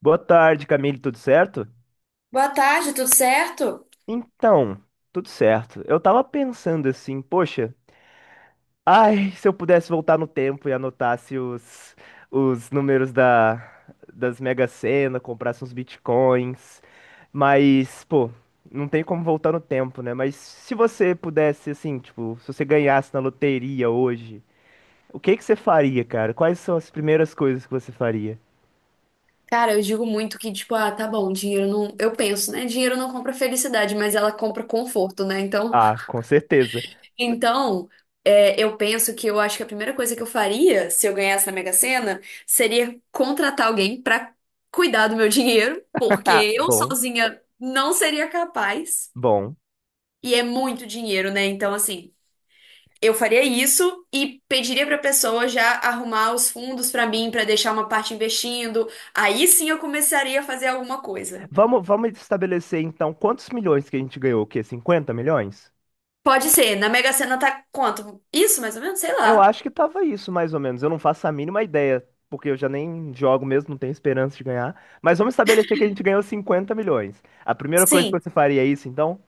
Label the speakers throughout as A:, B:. A: Boa tarde, Camille, tudo certo?
B: Boa tarde, tudo certo?
A: Então, tudo certo. Eu tava pensando assim, poxa, ai, se eu pudesse voltar no tempo e anotasse os números das Mega Sena, comprasse uns bitcoins, mas, pô, não tem como voltar no tempo, né? Mas se você pudesse, assim, tipo, se você ganhasse na loteria hoje, o que que você faria, cara? Quais são as primeiras coisas que você faria?
B: Cara, eu digo muito que, tipo, ah, tá bom, dinheiro não. Eu penso, né? Dinheiro não compra felicidade, mas ela compra conforto, né? Então,
A: Ah, com certeza.
B: então é, eu penso que eu acho que a primeira coisa que eu faria se eu ganhasse na Mega Sena seria contratar alguém pra cuidar do meu dinheiro, porque eu
A: Bom,
B: sozinha não seria capaz.
A: bom.
B: E é muito dinheiro, né? Então, assim. Eu faria isso e pediria para a pessoa já arrumar os fundos para mim, para deixar uma parte investindo. Aí sim eu começaria a fazer alguma coisa.
A: Vamos estabelecer então quantos milhões que a gente ganhou? O quê? 50 milhões?
B: Pode ser, na Mega Sena tá quanto? Isso, mais ou menos? Sei
A: Eu
B: lá.
A: acho que tava isso, mais ou menos. Eu não faço a mínima ideia, porque eu já nem jogo mesmo, não tenho esperança de ganhar. Mas vamos estabelecer que a gente ganhou 50 milhões. A primeira coisa que
B: Sim,
A: você faria é isso, então?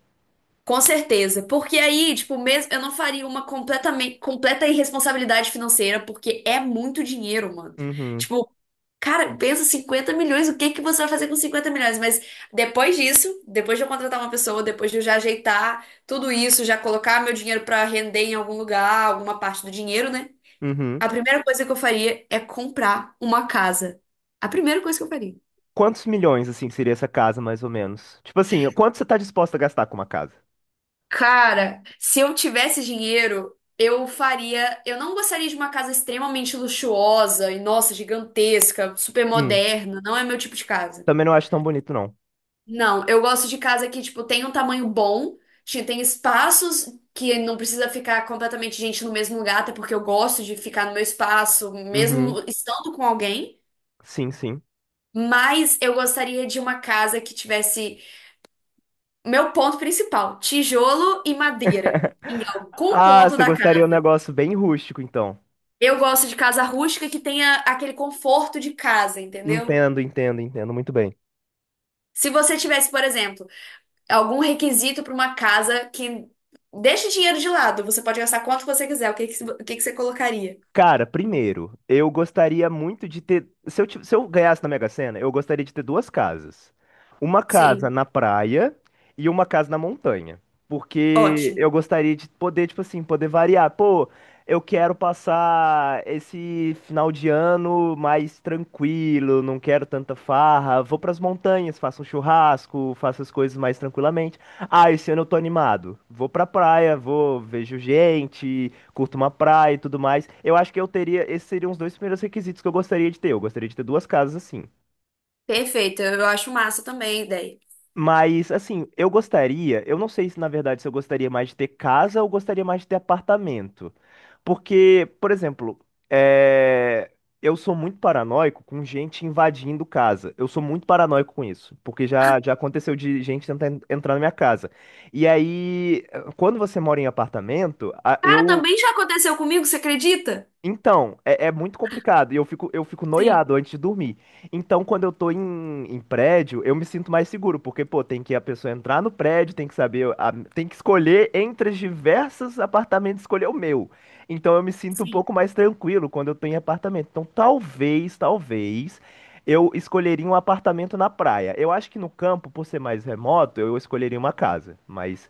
B: com certeza, porque aí, tipo, mesmo eu não faria uma completamente completa irresponsabilidade financeira, porque é muito dinheiro, mano.
A: Uhum,
B: Tipo, cara, pensa 50 milhões, o que que você vai fazer com 50 milhões? Mas depois disso, depois de eu contratar uma pessoa, depois de eu já ajeitar tudo isso, já colocar meu dinheiro pra render em algum lugar, alguma parte do dinheiro, né?
A: uhum.
B: A primeira coisa que eu faria é comprar uma casa. A primeira coisa que eu faria.
A: Quantos milhões, assim, seria essa casa, mais ou menos? Tipo assim, quanto você tá disposto a gastar com uma casa?
B: Cara, se eu tivesse dinheiro, eu faria. Eu não gostaria de uma casa extremamente luxuosa e, nossa, gigantesca, super
A: Hum,
B: moderna. Não é meu tipo de casa.
A: também não acho tão bonito, não.
B: Não, eu gosto de casa que, tipo, tem um tamanho bom, tem espaços que não precisa ficar completamente gente no mesmo lugar, até porque eu gosto de ficar no meu espaço,
A: Uhum,
B: mesmo estando com alguém.
A: sim, sim.
B: Mas eu gostaria de uma casa que tivesse. Meu ponto principal: tijolo e madeira. Em algum
A: Ah,
B: ponto
A: você
B: da
A: gostaria
B: casa.
A: de um negócio bem rústico, então.
B: Eu gosto de casa rústica que tenha aquele conforto de casa, entendeu?
A: Entendo, entendo, entendo, muito bem.
B: Se você tivesse, por exemplo, algum requisito para uma casa que deixa o dinheiro de lado, você pode gastar quanto você quiser, o que que você colocaria?
A: Cara, primeiro, eu gostaria muito de ter. Se se eu ganhasse na Mega Sena, eu gostaria de ter duas casas. Uma casa
B: Sim,
A: na praia e uma casa na montanha. Porque
B: ótimo.
A: eu gostaria de poder, tipo assim, poder variar. Pô, eu quero passar esse final de ano mais tranquilo, não quero tanta farra. Vou pras montanhas, faço um churrasco, faço as coisas mais tranquilamente. Ah, esse ano eu tô animado. Vou pra praia, vou, vejo gente curto uma praia e tudo mais. Eu acho que eu teria, esses seriam os dois primeiros requisitos que eu gostaria de ter. Eu gostaria de ter duas casas assim.
B: Perfeito, eu acho massa também a ideia.
A: Mas, assim, eu gostaria, eu não sei se na verdade se eu gostaria mais de ter casa ou gostaria mais de ter apartamento. Porque, por exemplo, é, eu sou muito paranoico com gente invadindo casa. Eu sou muito paranoico com isso, porque já aconteceu de gente tentar entrar na minha casa. E aí, quando você mora em apartamento, a-
B: Cara,
A: eu,
B: também já aconteceu comigo, você acredita?
A: Então, é muito complicado e eu fico
B: Sim,
A: noiado antes de dormir. Então, quando eu tô em prédio, eu me sinto mais seguro, porque, pô, tem que a pessoa entrar no prédio, tem que saber, a- tem que escolher entre os diversos apartamentos, escolher o meu. Então, eu me sinto um
B: sim.
A: pouco mais tranquilo quando eu tô em apartamento. Então, talvez, eu escolheria um apartamento na praia. Eu acho que no campo, por ser mais remoto, eu escolheria uma casa, mas,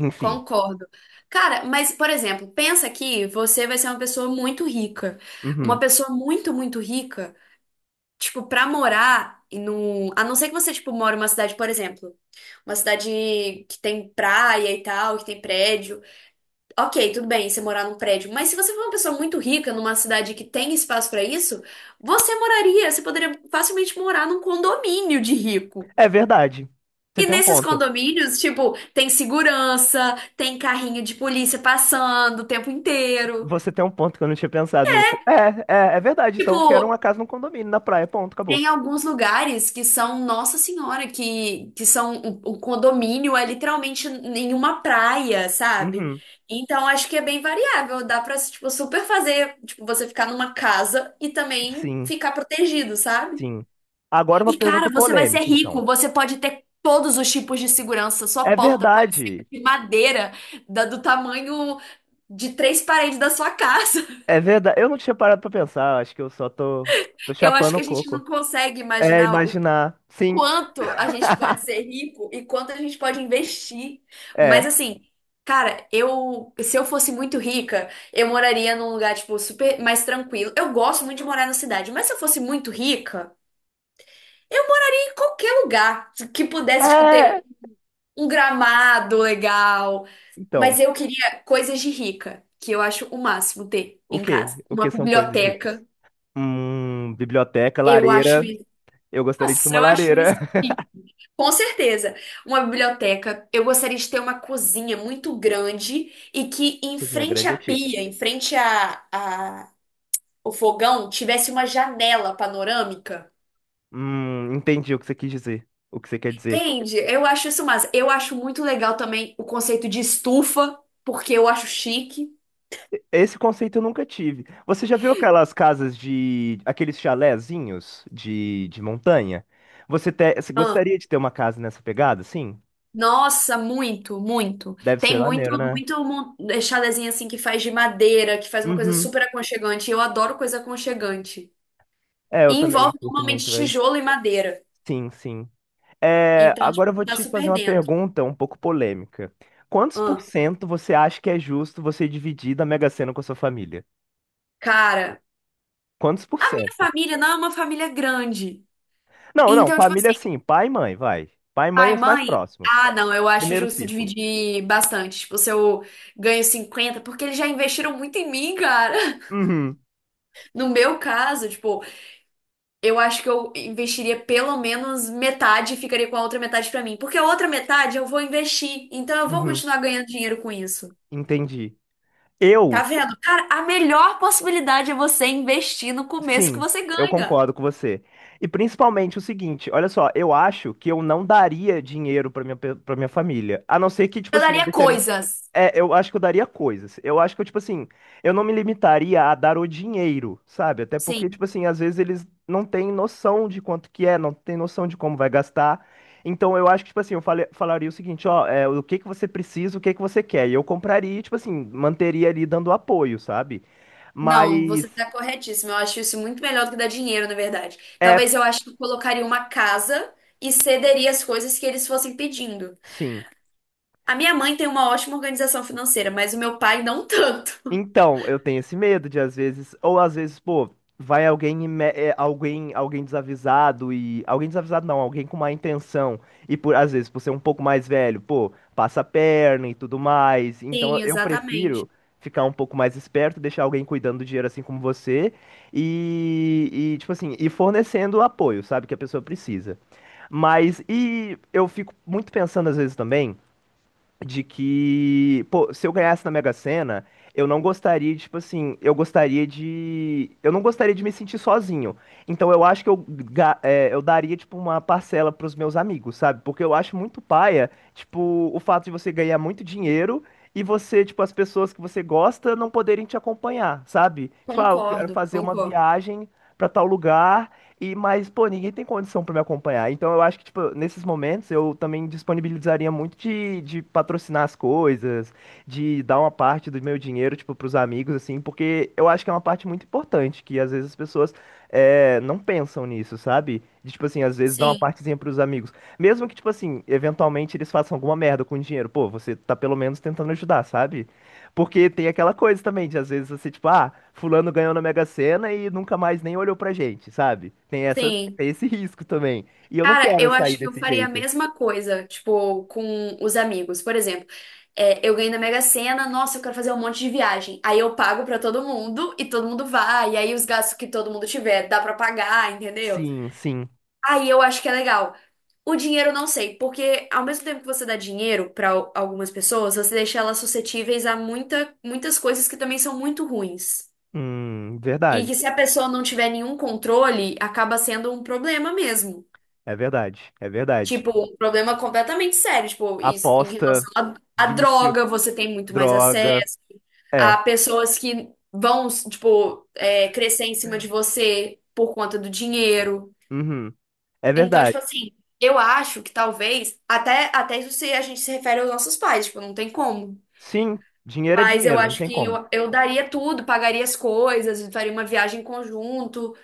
A: enfim.
B: Concordo. Cara, mas, por exemplo, pensa que você vai ser uma pessoa muito rica. Uma
A: Uhum.
B: pessoa muito, muito rica. Tipo, pra morar e num. A não ser que você, tipo, mora em uma cidade, por exemplo, uma cidade que tem praia e tal, que tem prédio. Ok, tudo bem você morar num prédio. Mas se você for uma pessoa muito rica numa cidade que tem espaço pra isso, você moraria, você poderia facilmente morar num condomínio de rico.
A: É verdade. Você
B: E
A: tem um
B: nesses
A: ponto.
B: condomínios, tipo, tem segurança, tem carrinho de polícia passando o tempo inteiro.
A: Você tem um ponto que eu não tinha pensado nisso. É verdade. Então, eu quero uma
B: Tipo,
A: casa num condomínio na praia. Ponto, acabou.
B: tem alguns lugares que são Nossa Senhora, que são o condomínio é literalmente em uma praia, sabe?
A: Uhum.
B: Então acho que é bem variável, dá pra tipo, super fazer, tipo, você ficar numa casa e também
A: Sim,
B: ficar protegido, sabe?
A: sim. Agora uma
B: E cara,
A: pergunta
B: você vai ser
A: polêmica, então.
B: rico, você pode ter todos os tipos de segurança, sua
A: É
B: porta pode ser
A: verdade.
B: de madeira, do tamanho de três paredes da sua casa.
A: É verdade. Eu não tinha parado pra pensar. Acho que tô
B: Eu acho
A: chapando
B: que
A: o
B: a gente
A: coco.
B: não consegue
A: É,
B: imaginar
A: imaginar. Sim,
B: quanto a gente pode ser rico e quanto a gente pode investir. Mas
A: é.
B: assim, cara, eu, se eu fosse muito rica, eu moraria num lugar, tipo, super mais tranquilo. Eu gosto muito de morar na cidade, mas se eu fosse muito rica, eu ia em qualquer lugar que pudesse, tipo,
A: É.
B: ter um gramado legal.
A: Então,
B: Mas eu queria coisas de rica, que eu acho o máximo ter
A: o
B: em
A: quê?
B: casa.
A: O
B: Uma
A: que são coisas ricas?
B: biblioteca,
A: Biblioteca,
B: eu acho
A: lareira.
B: isso.
A: Eu gostaria de ter
B: Nossa,
A: uma
B: eu acho isso.
A: lareira.
B: Com certeza. Uma biblioteca. Eu gostaria de ter uma cozinha muito grande e que em
A: Cozinha
B: frente
A: grande
B: à
A: é chique.
B: pia, em frente ao fogão, tivesse uma janela panorâmica.
A: Entendi o que você quis dizer. O que você quer dizer.
B: Entende? Eu acho isso massa. Eu acho muito legal também o conceito de estufa, porque eu acho chique.
A: Esse conceito eu nunca tive. Você já viu aquelas casas de, aqueles chalézinhos de montanha? Você
B: Ah,
A: gostaria de ter uma casa nessa pegada? Sim.
B: nossa, muito, muito.
A: Deve ser
B: Tem muito,
A: maneiro, né?
B: chalezinho assim que faz de madeira, que faz uma coisa
A: Uhum.
B: super aconchegante. Eu adoro coisa aconchegante.
A: É,
B: E
A: eu também
B: envolve
A: curto
B: normalmente
A: muito, velho.
B: tijolo e madeira.
A: Sim, sim. É,
B: Então,
A: agora eu
B: tipo,
A: vou
B: tá
A: te fazer
B: super
A: uma
B: dentro.
A: pergunta um pouco polêmica. Quantos por
B: Ah,
A: cento você acha que é justo você dividir da Mega Sena com a sua família?
B: cara,
A: Quantos por
B: a minha
A: cento?
B: família não é uma família grande.
A: Não, não,
B: Então, tipo
A: família
B: assim,
A: assim, pai e mãe, vai. Pai e mãe e
B: pai,
A: os mais
B: mãe.
A: próximos.
B: Ah, não, eu acho
A: Primeiro
B: justo
A: círculo.
B: dividir bastante. Tipo, se eu ganho 50, porque eles já investiram muito em mim, cara.
A: Uhum.
B: No meu caso, tipo, eu acho que eu investiria pelo menos metade e ficaria com a outra metade pra mim. Porque a outra metade eu vou investir. Então, eu vou
A: Uhum.
B: continuar ganhando dinheiro com isso.
A: Entendi.
B: Tá
A: Eu,
B: vendo? Cara, a melhor possibilidade é você investir no começo que
A: sim,
B: você
A: eu
B: ganha.
A: concordo com você. E principalmente o seguinte, olha só, eu acho que eu não daria dinheiro para pra minha família. A não ser que, tipo
B: Eu
A: assim, eu
B: daria
A: deixaria.
B: coisas.
A: É, eu acho que eu daria coisas. Eu acho que eu, tipo assim, eu não me limitaria a dar o dinheiro, sabe? Até porque,
B: Sim.
A: tipo assim, às vezes eles não têm noção de quanto que é, não têm noção de como vai gastar. Então eu acho que, tipo assim, eu falaria o seguinte, ó, é, o que que você precisa, o que que você quer. E eu compraria, e, tipo assim, manteria ali dando apoio, sabe?
B: Não, você
A: Mas,
B: tá corretíssimo. Eu acho isso muito melhor do que dar dinheiro, na verdade.
A: é,
B: Talvez eu acho que eu colocaria uma casa e cederia as coisas que eles fossem pedindo.
A: sim.
B: A minha mãe tem uma ótima organização financeira, mas o meu pai não tanto.
A: Então, eu tenho esse medo de às vezes, ou às vezes, pô, vai alguém, e alguém, alguém desavisado e alguém desavisado não, alguém com má intenção e por às vezes por ser um pouco mais velho, pô, passa a perna e tudo mais. Então,
B: Sim,
A: eu
B: exatamente.
A: prefiro ficar um pouco mais esperto, deixar alguém cuidando do dinheiro assim como você e tipo assim, e fornecendo o apoio, sabe, que a pessoa precisa. Mas e eu fico muito pensando às vezes também de que, pô, se eu ganhasse na Mega Sena, eu não gostaria, tipo assim, eu gostaria de, eu não gostaria de me sentir sozinho. Então eu acho que eu daria, tipo, uma parcela pros meus amigos, sabe? Porque eu acho muito paia, tipo, o fato de você ganhar muito dinheiro e você, tipo, as pessoas que você gosta não poderem te acompanhar, sabe? Tipo, ah, eu quero
B: Concordo,
A: fazer uma
B: concordo.
A: viagem pra tal lugar e, mas, pô, ninguém tem condição pra me acompanhar. Então eu acho que, tipo, nesses momentos eu também disponibilizaria muito de patrocinar as coisas, de dar uma parte do meu dinheiro, tipo, pros amigos, assim, porque eu acho que é uma parte muito importante, que às vezes as pessoas não pensam nisso, sabe? De, tipo assim, às vezes dá uma
B: Sim,
A: partezinha pros amigos. Mesmo que, tipo assim, eventualmente eles façam alguma merda com o dinheiro, pô, você tá pelo menos tentando ajudar, sabe? Porque tem aquela coisa também, de às vezes você, tipo, ah, fulano ganhou na Mega Sena e nunca mais nem olhou pra gente, sabe?
B: sim.
A: Tem esse risco também. E eu não
B: Cara,
A: quero
B: eu
A: sair
B: acho que eu
A: desse
B: faria a
A: jeito.
B: mesma coisa, tipo, com os amigos. Por exemplo, é, eu ganhei na Mega Sena, nossa, eu quero fazer um monte de viagem. Aí eu pago pra todo mundo e todo mundo vai. E aí os gastos que todo mundo tiver dá pra pagar, entendeu?
A: Sim, sim.
B: Aí eu acho que é legal. O dinheiro eu não sei, porque ao mesmo tempo que você dá dinheiro pra algumas pessoas, você deixa elas suscetíveis a muitas coisas que também são muito ruins. E
A: Verdade.
B: que se a pessoa não tiver nenhum controle, acaba sendo um problema mesmo.
A: É verdade. É verdade.
B: Tipo, um problema completamente sério. Tipo, isso, em
A: Aposta,
B: relação à
A: vício,
B: droga, você tem muito mais
A: droga.
B: acesso.
A: É.
B: Há pessoas que vão, tipo, é, crescer em cima de você por conta do dinheiro.
A: Uhum. É
B: Então,
A: verdade.
B: tipo assim, eu acho que talvez, até, até isso se a gente se refere aos nossos pais, tipo, não tem como.
A: Sim, dinheiro é
B: Mas eu
A: dinheiro, não
B: acho
A: tem
B: que
A: como.
B: eu daria tudo, pagaria as coisas, faria uma viagem em conjunto,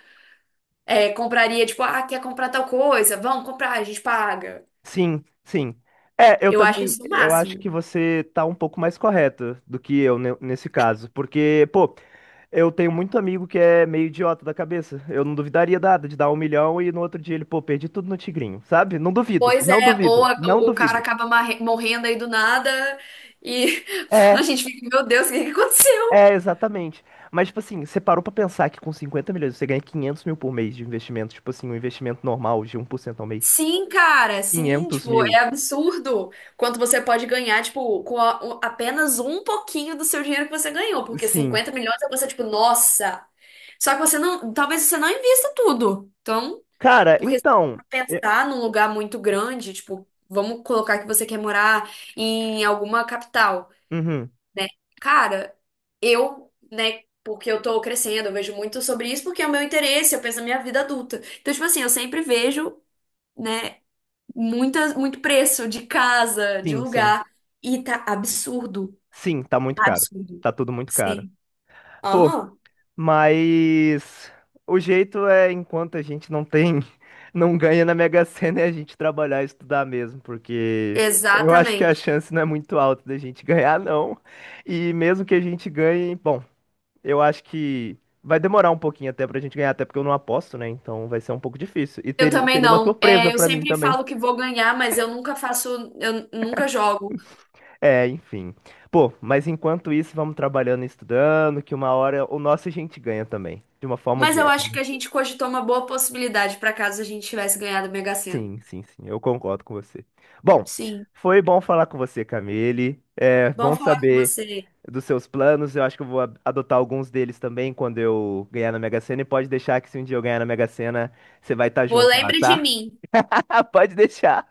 B: é, compraria, tipo, ah, quer comprar tal coisa? Vamos comprar, a gente paga.
A: Sim, sim. É, eu
B: Eu acho
A: também,
B: isso o
A: eu acho que
B: máximo.
A: você tá um pouco mais correto do que eu nesse caso, porque, pô, eu tenho muito amigo que é meio idiota da cabeça. Eu não duvidaria nada de dar 1 milhão e no outro dia ele, pô, perdi tudo no Tigrinho, sabe? Não duvido,
B: Pois
A: não
B: é, ou
A: duvido, não
B: o cara
A: duvido.
B: acaba morrendo aí do nada e a
A: É,
B: gente fica, meu Deus, o que que aconteceu?
A: exatamente. Mas, tipo assim, você parou pra pensar que com 50 milhões você ganha 500 mil por mês de investimento, tipo assim, um investimento normal de 1% ao mês.
B: Sim, cara, sim,
A: Quinhentos
B: tipo,
A: mil,
B: é absurdo quanto você pode ganhar, tipo, com apenas um pouquinho do seu dinheiro que você ganhou, porque
A: sim.
B: 50 milhões é você, tipo, nossa. Só que você não, talvez você não invista tudo. Então,
A: Cara,
B: porque se
A: então.
B: você
A: É.
B: pensar num lugar muito grande, tipo, vamos colocar que você quer morar em alguma capital.
A: Uhum,
B: Né? Cara, eu, né, porque eu tô crescendo, eu vejo muito sobre isso, porque é o meu interesse, eu penso na minha vida adulta. Então, tipo assim, eu sempre vejo, né, muitas, muito preço de casa, de
A: sim, sim.
B: lugar, e tá absurdo.
A: Sim, tá muito
B: Tá
A: caro.
B: absurdo.
A: Tá tudo muito caro.
B: Sim.
A: Pô.
B: Aham.
A: Mas o jeito é, enquanto a gente não tem, não ganha na Mega Sena, é a gente trabalhar e estudar mesmo, porque eu acho que a
B: Exatamente.
A: chance não é muito alta da gente ganhar, não. E mesmo que a gente ganhe, bom, eu acho que vai demorar um pouquinho até pra gente ganhar, até porque eu não aposto, né? Então vai ser um pouco difícil.
B: Eu também
A: Teria uma
B: não.
A: surpresa
B: É, eu
A: pra mim
B: sempre
A: também.
B: falo que vou ganhar, mas eu nunca faço, eu nunca jogo.
A: É, enfim. Pô, mas enquanto isso, vamos trabalhando e estudando, que uma hora o nosso a gente ganha também, de uma forma ou
B: Mas
A: de
B: eu
A: outra.
B: acho que
A: Né?
B: a gente cogitou uma boa possibilidade para caso a gente tivesse ganhado o Mega Sena.
A: Sim, sim, sim, eu concordo com você. Bom,
B: Sim.
A: foi bom falar com você, Camille. É
B: Bom
A: bom
B: falar com
A: saber
B: você.
A: dos seus planos. Eu acho que eu vou adotar alguns deles também quando eu ganhar na Mega Sena. E pode deixar que se um dia eu ganhar na Mega Sena, você vai estar
B: Vou
A: junto lá,
B: lembre de
A: tá?
B: mim.
A: Pode deixar.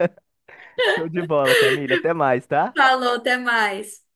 A: Show de bola, Camille. Até mais, tá?
B: Falou, até mais.